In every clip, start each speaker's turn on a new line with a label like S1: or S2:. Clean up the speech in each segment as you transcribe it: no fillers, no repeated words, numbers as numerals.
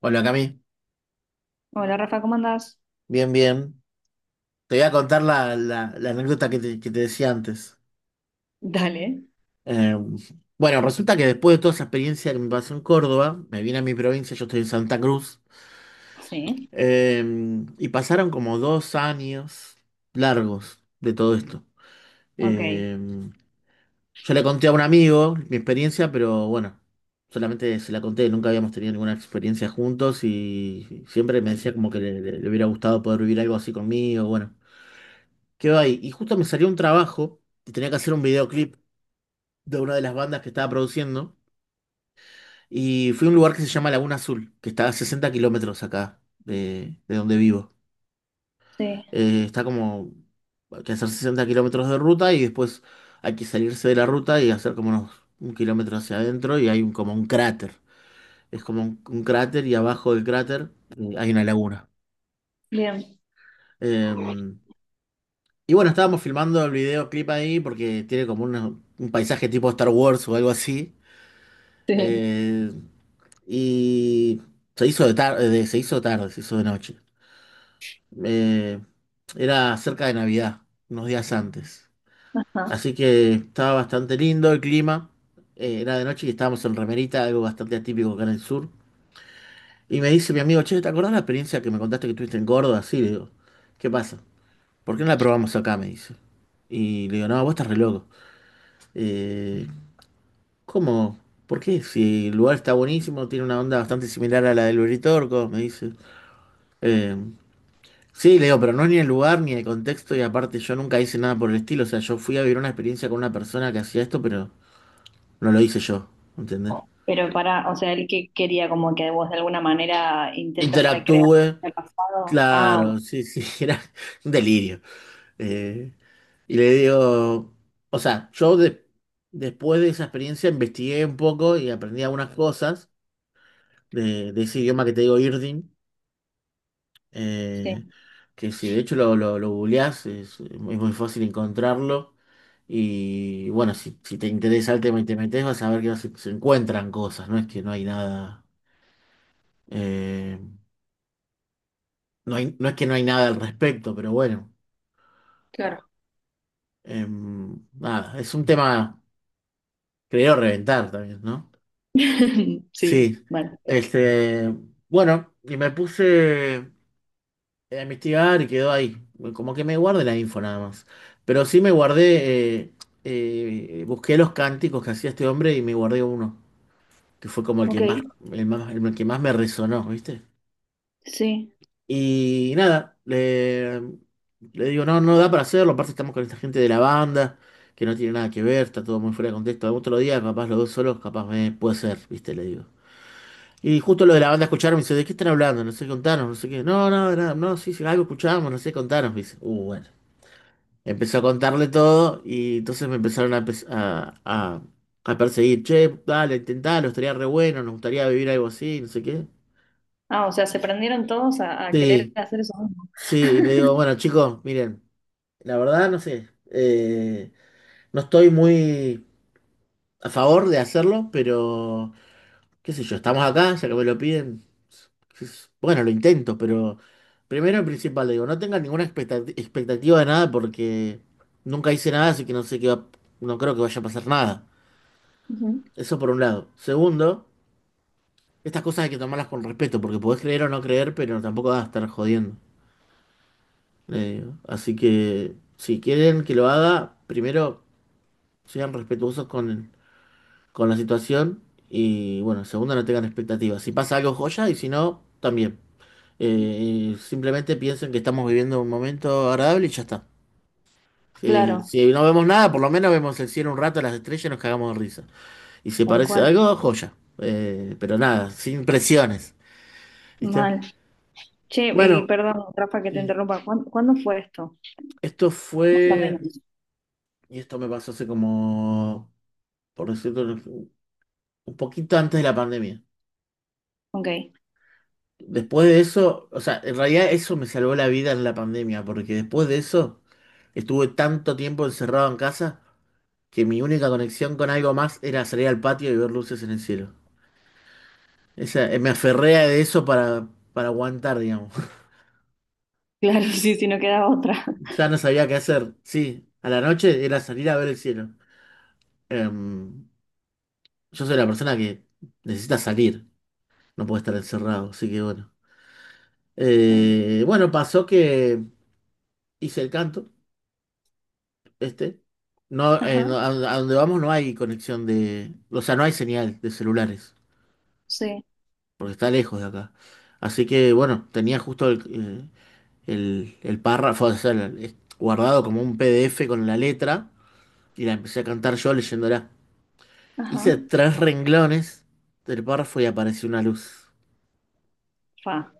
S1: Hola Cami,
S2: Hola Rafa, ¿cómo andás?
S1: bien, bien. Te voy a contar la anécdota que que te decía antes.
S2: Dale,
S1: Eh, bueno, resulta que después de toda esa experiencia que me pasó en Córdoba, me vine a mi provincia, yo estoy en Santa Cruz,
S2: sí.
S1: eh, y pasaron como 2 años largos de todo esto.
S2: Ok,
S1: Eh, yo le conté a un amigo mi experiencia, pero bueno, solamente se la conté, nunca habíamos tenido ninguna experiencia juntos y siempre me decía como que le hubiera gustado poder vivir algo así conmigo, bueno, quedó ahí. Y justo me salió un trabajo y tenía que hacer un videoclip de una de las bandas que estaba produciendo. Y fui a un lugar que se llama Laguna Azul, que está a 60 kilómetros acá de donde vivo.
S2: sí,
S1: Está como, hay que hacer 60 kilómetros de ruta y después hay que salirse de la ruta y hacer como unos 1 kilómetro hacia adentro y hay como un cráter. Es como un cráter y abajo del cráter hay una laguna.
S2: bien,
S1: Em, y bueno, estábamos filmando el videoclip ahí porque tiene como un paisaje tipo Star Wars o algo así.
S2: sí,
S1: Eh, y se hizo de tarde, se hizo de noche. Eh, era cerca de Navidad, unos días antes.
S2: ajá.
S1: Así que estaba bastante lindo el clima. Era de noche y estábamos en remerita, algo bastante atípico acá en el sur. Y me dice mi amigo, che, ¿te acordás la experiencia que me contaste que tuviste en Córdoba? Sí, le digo, ¿qué pasa? ¿Por qué no la probamos acá? Me dice. Y le digo, no, vos estás re loco. Eh, ¿Cómo? ¿Por qué? Si el lugar está buenísimo, tiene una onda bastante similar a la del Uritorco, me dice. Eh, sí, le digo, pero no es ni el lugar ni el contexto, y aparte yo nunca hice nada por el estilo. O sea, yo fui a vivir una experiencia con una persona que hacía esto, pero no lo hice yo, ¿entendés?
S2: Pero para, o sea, él que quería como que vos de alguna manera intentes recrear
S1: Interactúe,
S2: el pasado. Ah, ok,
S1: claro, sí, sí, era un delirio. Eh, y le digo, o sea, después de esa experiencia investigué un poco y aprendí algunas cosas de ese idioma que te digo, Irdin.
S2: sí,
S1: eh, que si de hecho lo googleás, es muy fácil encontrarlo. Y bueno, si te interesa el tema y te metes, vas a ver que se encuentran cosas, no es que no hay nada, eh, no es que no hay nada al respecto, pero bueno,
S2: claro.
S1: nada, es un tema, creo, reventar también, ¿no?
S2: Sí,
S1: Sí,
S2: vale.
S1: este, bueno, y me puse a investigar y quedó ahí. Como que me guardé la info nada más. Pero sí me guardé, busqué los cánticos que hacía este hombre y me guardé uno, que fue como el
S2: Ok,
S1: que más, el que más me resonó, ¿viste?
S2: sí.
S1: Y nada, le digo, no, no da para hacerlo, aparte estamos con esta gente de la banda, que no tiene nada que ver, está todo muy fuera de contexto. Algún otro día, capaz los dos solos, capaz me puede ser, ¿viste? Le digo. Y justo lo de la banda escucharon, me dice, ¿de qué están hablando? No sé, contanos, no sé qué. No, no, no, no, sí, sí, algo escuchamos, no sé, contanos, me dice. Bueno. Empezó a contarle todo y entonces me empezaron a, pes- a perseguir. Che, dale, intentalo, estaría re bueno, nos gustaría vivir algo así, no sé qué.
S2: Ah, o sea, se prendieron todos a querer
S1: Sí,
S2: hacer eso mismo.
S1: sí, y le digo, bueno, chicos, miren, la verdad no sé, no estoy muy a favor de hacerlo, pero qué sé yo, estamos acá, ya que me lo piden, bueno, lo intento, pero primero y principal le digo, no tengan ninguna expectativa de nada porque nunca hice nada, así que no sé qué va, no creo que vaya a pasar nada.
S2: Ujú.
S1: Eso por un lado. Segundo, estas cosas hay que tomarlas con respeto, porque podés creer o no creer, pero tampoco vas a estar jodiendo, le digo. Así que si quieren que lo haga, primero sean respetuosos con la situación y bueno, segundo, no tengan expectativas. Si pasa algo, joya, y si no, también. Simplemente piensen que estamos viviendo un momento agradable y ya está. Eh,
S2: Claro,
S1: si no vemos nada, por lo menos vemos el cielo un rato, las estrellas y nos cagamos de risa. Y si
S2: tal
S1: parece
S2: cual.
S1: algo, joya. Pero nada, sin presiones. ¿Viste?
S2: Mal. Che, y
S1: Bueno,
S2: perdón, Rafa, que te
S1: sí,
S2: interrumpa. ¿Cuán- ¿Cuándo fue esto?
S1: esto
S2: Más o
S1: fue,
S2: menos.
S1: y esto me pasó hace como, por decirlo, un poquito antes de la pandemia.
S2: Ok,
S1: Después de eso, o sea, en realidad eso me salvó la vida en la pandemia, porque después de eso estuve tanto tiempo encerrado en casa que mi única conexión con algo más era salir al patio y ver luces en el cielo. Me aferré a eso para aguantar, digamos.
S2: claro, sí, si no queda otra.
S1: Ya no sabía qué hacer. Sí, a la noche era salir a ver el cielo. Em, Yo soy la persona que necesita salir, no puede estar encerrado, así que bueno. Bueno, pasó que hice el canto, este. No,
S2: Ajá,
S1: a donde vamos no hay conexión de, o sea, no hay señal de celulares,
S2: sí,
S1: porque está lejos de acá. Así que bueno, tenía justo el párrafo, o sea, es guardado como un PDF con la letra y la empecé a cantar yo leyéndola.
S2: ajá,
S1: Hice 3 renglones del párrafo y apareció una luz.
S2: fa,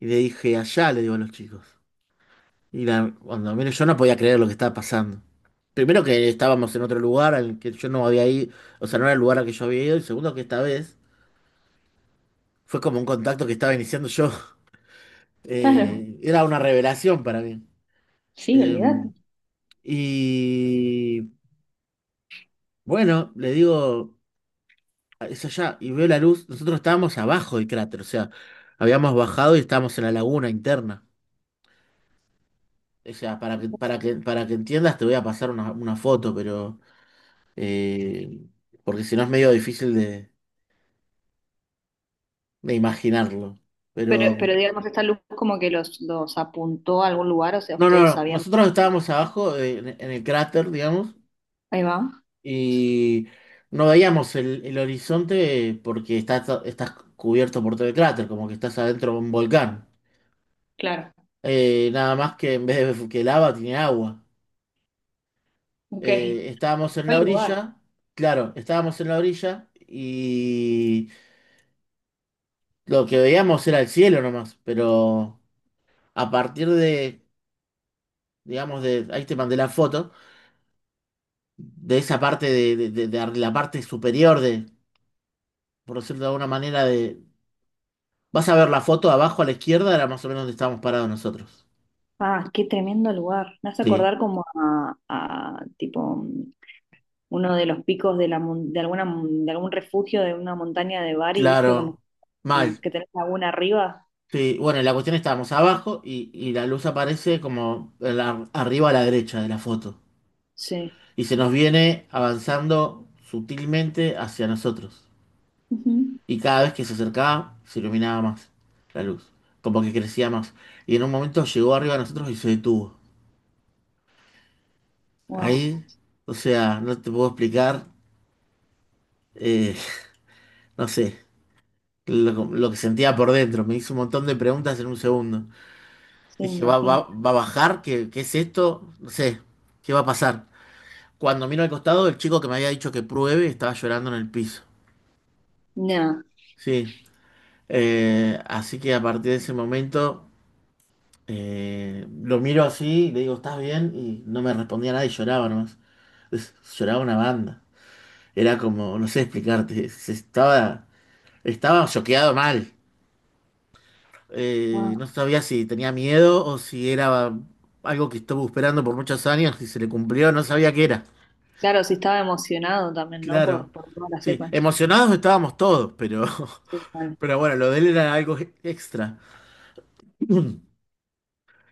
S1: Y le dije, allá, le digo a los chicos. Cuando menos yo no podía creer lo que estaba pasando. Primero que estábamos en otro lugar al que yo no había ido, o sea, no era el lugar al que yo había ido, y segundo que esta vez fue como un contacto que estaba iniciando yo.
S2: claro,
S1: Era una revelación para mí.
S2: sí,
S1: Eh,
S2: olvídate.
S1: y bueno, le digo, es allá, y veo la luz, nosotros estábamos abajo del cráter, o sea, habíamos bajado y estábamos en la laguna interna. O sea, para que entiendas, te voy a pasar una foto, pero eh, porque si no es medio difícil de imaginarlo. Pero
S2: Pero digamos, esta luz como que los apuntó a algún lugar, o sea,
S1: no, no,
S2: ustedes
S1: no.
S2: sabían.
S1: Nosotros estábamos abajo en el cráter, digamos,
S2: Ahí va,
S1: y no veíamos el horizonte porque está, estás cubierto por todo el cráter, como que estás adentro de un volcán.
S2: claro,
S1: Nada más que en vez de que lava tiene agua.
S2: ok.
S1: Estábamos en
S2: ¿Cuál
S1: la
S2: lugar?
S1: orilla, claro, estábamos en la orilla y lo que veíamos era el cielo nomás, pero a partir de, digamos, de, ahí te mandé la foto, de esa parte, de la parte superior de, por decirlo de alguna manera, de... Vas a ver la foto abajo a la izquierda, era más o menos donde estábamos parados nosotros.
S2: Ah, qué tremendo lugar. Me hace
S1: Sí,
S2: acordar como a, tipo uno de los picos de la mon- de alguna mon- de algún refugio de una montaña de Bari, ¿viste? Cuando
S1: claro,
S2: como
S1: mal.
S2: que tenés laguna arriba.
S1: Sí, bueno, la cuestión estábamos abajo y la luz aparece como en arriba a la derecha de la foto.
S2: Sí.
S1: Y se nos viene avanzando sutilmente hacia nosotros. Y cada vez que se acercaba, se iluminaba más la luz, como que crecía más. Y en un momento llegó arriba a nosotros y se detuvo.
S2: Wow.
S1: Ahí, o sea, no te puedo explicar, eh, no sé, lo que sentía por dentro. Me hizo un montón de preguntas en un segundo.
S2: Sí, me
S1: Dije,
S2: imagino.
S1: va a bajar? Qué es esto? No sé, ¿qué va a pasar? Cuando miro al costado, el chico que me había dicho que pruebe estaba llorando en el piso.
S2: Nada.
S1: Sí, así que a partir de ese momento lo miro así, le digo, ¿estás bien? Y no me respondía nada y lloraba nomás. Lloraba una banda. Era como, no sé explicarte, se estaba Estaba choqueado mal. No sabía si tenía miedo o si era algo que estuvo esperando por muchos años y se le cumplió, no sabía qué era.
S2: Claro, sí estaba emocionado también, ¿no?
S1: Claro.
S2: Por toda la
S1: Sí,
S2: secuencia.
S1: emocionados estábamos todos, pero,
S2: Sí, vale.
S1: pero bueno, lo de él era algo extra.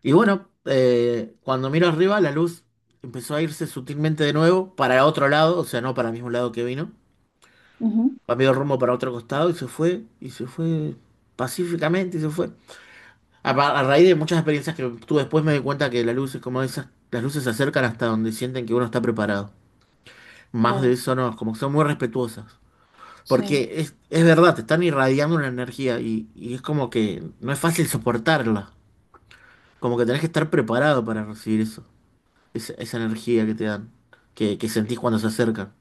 S1: Y bueno, cuando miro arriba, la luz empezó a irse sutilmente de nuevo para otro lado, o sea, no para el mismo lado que vino.
S2: Ujú,
S1: Cambió de rumbo para otro costado y se fue pacíficamente y se fue. A raíz de muchas experiencias que tuve después me di cuenta que las luces, como esas, las luces se acercan hasta donde sienten que uno está preparado. Más de
S2: claro,
S1: eso no, como que son muy respetuosas.
S2: sí.
S1: Porque es verdad, te están irradiando una energía y es como que no es fácil soportarla. Como que tenés que estar preparado para recibir eso. Esa energía que te dan, que sentís cuando se acercan.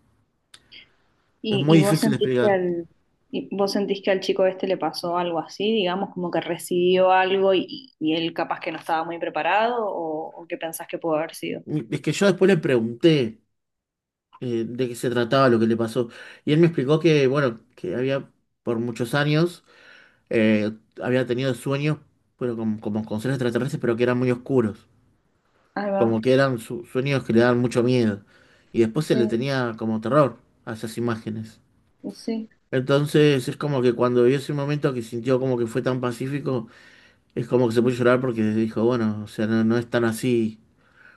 S1: Es muy
S2: Y vos
S1: difícil de
S2: sentís que
S1: explicar.
S2: al, y vos sentís que al chico este le pasó algo así, digamos, como que recibió algo y él capaz que no estaba muy preparado o qué pensás que pudo haber sido?
S1: Y es que yo después le pregunté de qué se trataba lo que le pasó. Y él me explicó que, bueno, que había por muchos años eh, había tenido sueños, pero como con seres extraterrestres, pero que eran muy oscuros.
S2: Ahí va,
S1: Como que eran sueños que le daban mucho miedo. Y después se le
S2: sí,
S1: tenía como terror a esas imágenes.
S2: y sí.
S1: Entonces es como que cuando vio ese momento que sintió como que fue tan pacífico, es como que se puso a llorar porque dijo, bueno, o sea, no, no es tan así.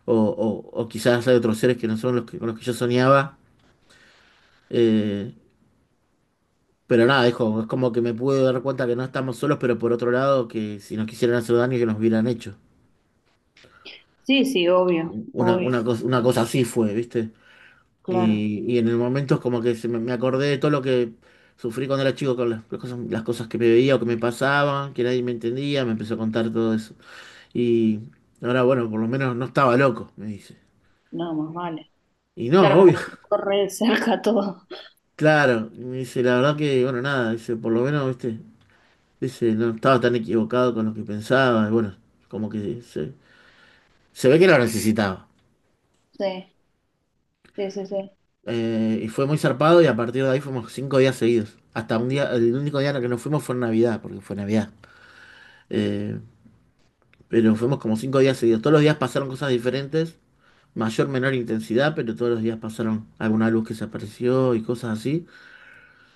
S1: O, o quizás hay otros seres que no son los que, con los que yo soñaba. eh, pero nada, dijo, es como que me pude dar cuenta que no estamos solos, pero por otro lado, que si nos quisieran hacer daño, que nos hubieran hecho.
S2: Sí, sí, obvio,
S1: Una,
S2: obvio.
S1: una cosa, una cosa
S2: Pero,
S1: así fue, ¿viste?
S2: claro,
S1: Y en el momento es como que me acordé de todo lo que sufrí cuando era chico, con las cosas que me veía o que me pasaban, que nadie me entendía, me empezó a contar todo eso. Y ahora, bueno, por lo menos no estaba loco, me dice.
S2: no, más vale.
S1: Y no,
S2: Claro, como
S1: obvio,
S2: que le corre de cerca todo.
S1: claro, y me dice, la verdad que, bueno, nada, dice, por lo menos, ¿viste? Dice, no estaba tan equivocado con lo que pensaba, y bueno, como que se ve que lo necesitaba.
S2: Sí, sí, sí, sí,
S1: Y fue muy zarpado y a partir de ahí fuimos 5 días seguidos. Hasta un día, el único día en el que nos fuimos fue en Navidad, porque fue Navidad. Eh, pero fuimos como 5 días seguidos. Todos los días pasaron cosas diferentes, mayor, menor intensidad, pero todos los días pasaron alguna luz que se apareció y cosas así.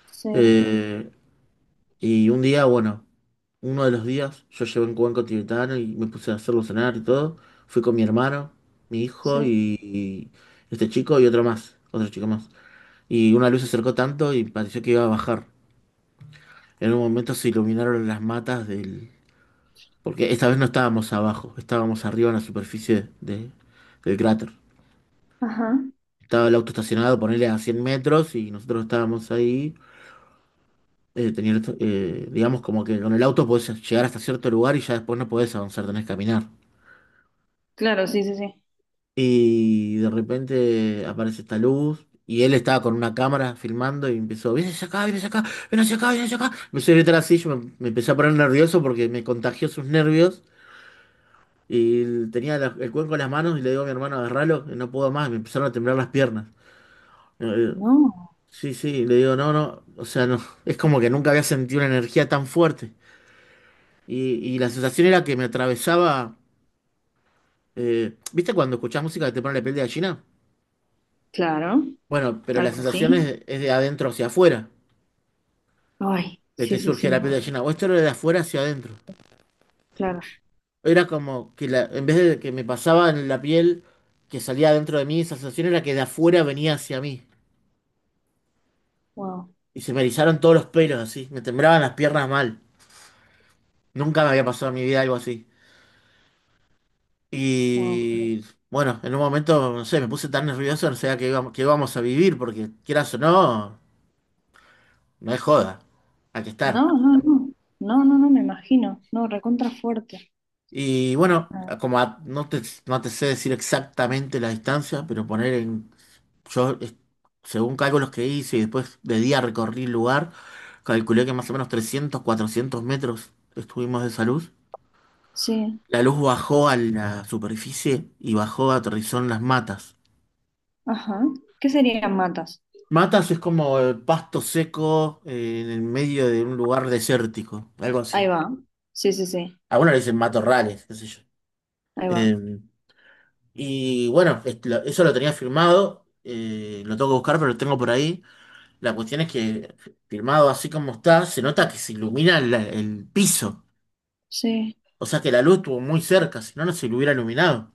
S2: sí,
S1: Eh, y un día, bueno, uno de los días yo llevé un cuenco tibetano y me puse a hacerlo cenar y todo. Fui con mi hermano, mi hijo
S2: sí.
S1: y este chico y otro más, otro chico más. Y una luz se acercó tanto y pareció que iba a bajar. En un momento se iluminaron las matas del... Porque esta vez no estábamos abajo, estábamos arriba en la superficie del cráter.
S2: Ajá.
S1: Estaba el auto estacionado, ponele a 100 metros y nosotros estábamos ahí. Tenía digamos como que con el auto podés llegar hasta cierto lugar y ya después no podés avanzar, tenés que caminar.
S2: Claro, sí, sí, sí.
S1: Y de repente aparece esta luz y él estaba con una cámara filmando y empezó, ven hacia acá, ven hacia acá, ven hacia acá, ven hacia acá. Empezó a gritar así, me empecé a poner nervioso porque me contagió sus nervios. Tenía el cuenco en las manos y le digo a mi hermano, agarralo, que no puedo más, me empezaron a temblar las piernas. Eh,
S2: No.
S1: sí, sí, le digo, no, no, o sea, no, es como que nunca había sentido una energía tan fuerte. Y la sensación era que me atravesaba, ¿viste cuando escuchás música que te pone la piel de gallina?
S2: Claro,
S1: Bueno, pero la
S2: algo
S1: sensación
S2: así.
S1: es de adentro hacia afuera,
S2: Ay,
S1: que
S2: sí,
S1: te
S2: sí, sí,
S1: surge
S2: me-
S1: la piel de gallina, o esto era de afuera hacia adentro.
S2: claro.
S1: Era como que en vez de que me pasaba en la piel, que salía adentro de mí, esa sensación era que de afuera venía hacia mí.
S2: Wow,
S1: Y se me erizaron todos los pelos así, me temblaban las piernas mal. Nunca me había pasado en mi vida algo así.
S2: wow.
S1: Y bueno, en un momento, no sé, me puse tan nervioso, no sabía que íbamos a vivir, porque quieras o no, no es joda, hay que
S2: No,
S1: estar.
S2: no, no. No, no, no, me imagino. No, recontra fuerte.
S1: Y bueno,
S2: Ah,
S1: como no te sé decir exactamente la distancia, pero poner en, yo, según cálculos que hice y después de día recorrí el lugar, calculé que más o menos 300, 400 metros estuvimos de salud.
S2: sí,
S1: La luz bajó a la superficie y bajó, aterrizó en las matas.
S2: ajá. ¿Qué serían matas?
S1: Matas es como el pasto seco en el medio de un lugar desértico, algo
S2: Ahí
S1: así.
S2: va. Sí, sí, sí.
S1: Algunos le dicen matorrales, qué sé yo.
S2: Ahí va.
S1: Eh, y bueno, eso lo tenía firmado, lo tengo que buscar, pero lo tengo por ahí. La cuestión es que firmado así como está, se nota que se ilumina el piso.
S2: Sí,
S1: O sea que la luz estuvo muy cerca, si no, no se lo hubiera iluminado.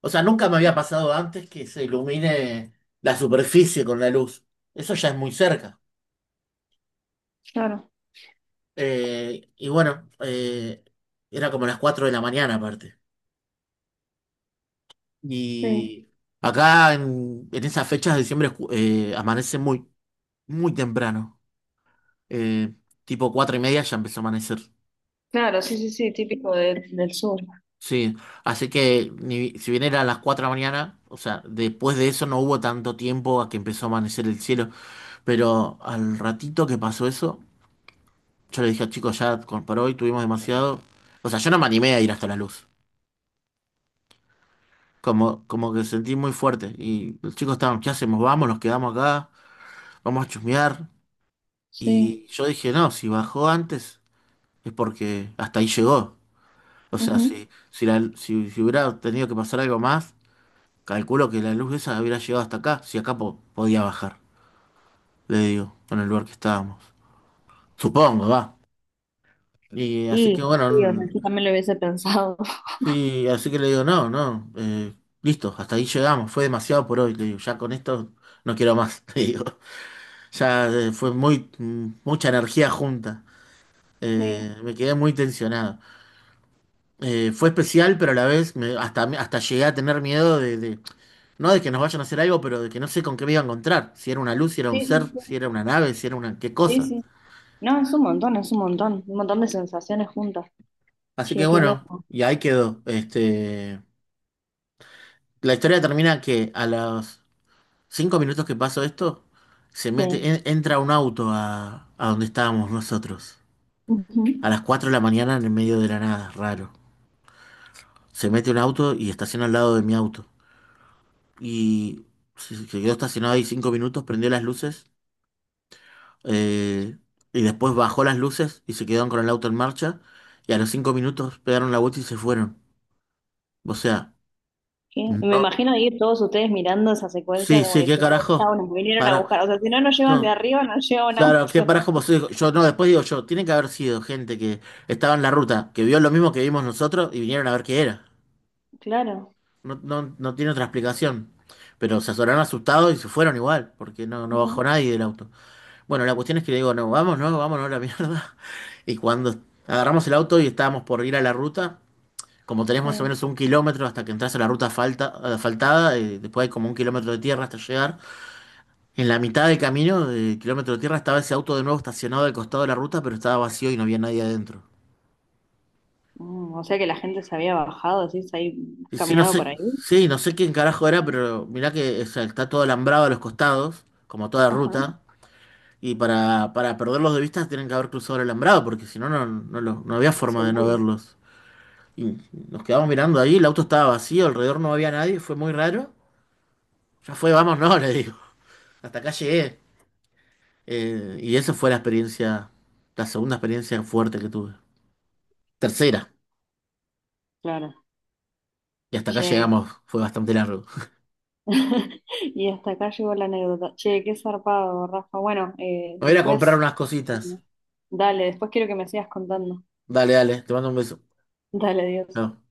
S1: O sea, nunca me había pasado antes que se ilumine la superficie con la luz. Eso ya es muy cerca.
S2: claro.
S1: Y bueno, era como las 4 de la mañana aparte.
S2: Sí.
S1: Y acá en esas fechas de diciembre amanece muy, muy temprano. Eh, Tipo 4 y media ya empezó a amanecer.
S2: Claro, sí, sí, sí, típico de- del sur.
S1: Sí, así que si bien era las 4 de la mañana, o sea, después de eso no hubo tanto tiempo a que empezó a amanecer el cielo, pero al ratito que pasó eso... Yo le dije a chicos, ya por hoy tuvimos demasiado. O sea, yo no me animé a ir hasta la luz. Como que sentí muy fuerte. Y los chicos estaban, ¿qué hacemos? Vamos, nos quedamos acá, vamos a chusmear.
S2: Sí.
S1: Y yo dije, no, si bajó antes es porque hasta ahí llegó. O sea,
S2: Ujú.
S1: si hubiera tenido que pasar algo más, calculo que la luz esa hubiera llegado hasta acá, si acá podía bajar, le digo, en el lugar que estábamos. Supongo, va. Y así
S2: Y
S1: que
S2: sí, o sea,
S1: bueno,
S2: yo también lo hubiese pensado.
S1: sí, así que le digo, no, no, listo, hasta ahí llegamos, fue demasiado por hoy, le digo, ya con esto no quiero más, le digo, ya fue muy, mucha energía junta,
S2: Sí.
S1: me quedé muy tensionado. Fue especial, pero a la vez hasta, hasta llegué a tener miedo no de que nos vayan a hacer algo, pero de que no sé con qué me iba a encontrar, si era una luz, si era
S2: Sí,
S1: un
S2: sí,
S1: ser,
S2: sí.
S1: si era una nave, si era una qué
S2: Sí,
S1: cosa.
S2: sí. No, es un montón, es un montón. Un montón de sensaciones juntas.
S1: Así que
S2: Che, qué
S1: bueno,
S2: loco.
S1: y ahí quedó, este, la historia termina que a los 5 minutos que pasó esto, se mete,
S2: Sí.
S1: entra un auto a donde estábamos nosotros.
S2: Ujú.
S1: A las 4 de la mañana en el medio de la nada, raro. Se mete un auto y estaciona al lado de mi auto. Y se quedó estacionado ahí 5 minutos, prendió las luces, eh, y después bajó las luces y se quedaron con el auto en marcha. Y a los 5 minutos pegaron la vuelta y se fueron. O sea,
S2: ¿Qué? Me
S1: no.
S2: imagino ir todos ustedes mirando esa secuencia
S1: Sí,
S2: como
S1: sí, qué
S2: diciendo,
S1: carajo.
S2: chao, nos vinieron a
S1: Para.
S2: buscar. O sea, si no nos llevan de
S1: No.
S2: arriba, nos lleva un
S1: Claro, que
S2: auto.
S1: parás como soy yo, no, después digo yo, tiene que haber sido gente que estaba en la ruta, que vio lo mismo que vimos nosotros y vinieron a ver qué era.
S2: Claro.
S1: No, no, no tiene otra explicación. Pero se azoraron asustados y se fueron igual, porque no, no
S2: Ujú.
S1: bajó nadie del auto. Bueno, la cuestión es que le digo, no, vamos, no, vámonos a la mierda. Y cuando agarramos el auto y estábamos por ir a la ruta, como tenés más o
S2: Sí.
S1: menos un kilómetro hasta que entras a la ruta falta, asfaltada, después hay como un kilómetro de tierra hasta llegar. En la mitad del camino, de kilómetro de tierra, estaba ese auto de nuevo estacionado al costado de la ruta, pero estaba vacío y no había nadie adentro.
S2: Mm, o sea que la gente se había bajado, así, se había
S1: Y
S2: caminado por ahí.
S1: sí, no sé quién carajo era, pero mirá que o sea, está todo alambrado a los costados, como toda
S2: Ajá.
S1: ruta, y para perderlos de vista tienen que haber cruzado el alambrado, porque si no, no, no, no había forma de no
S2: Seguro.
S1: verlos. Y nos quedamos mirando ahí, el auto estaba vacío, alrededor no había nadie, fue muy raro. Ya fue, vamos, no, le digo. Hasta acá llegué. Y esa fue la experiencia, la segunda experiencia fuerte que tuve. Tercera.
S2: Claro.
S1: Y hasta acá
S2: Che.
S1: llegamos, fue bastante largo. Me
S2: Y hasta acá llegó la anécdota. Che, qué zarpado, Rafa. Bueno,
S1: voy a ir a comprar
S2: después,
S1: unas cositas.
S2: dale, después quiero que me sigas contando.
S1: Dale, dale, te mando un beso.
S2: Dale, Dios.
S1: Chao.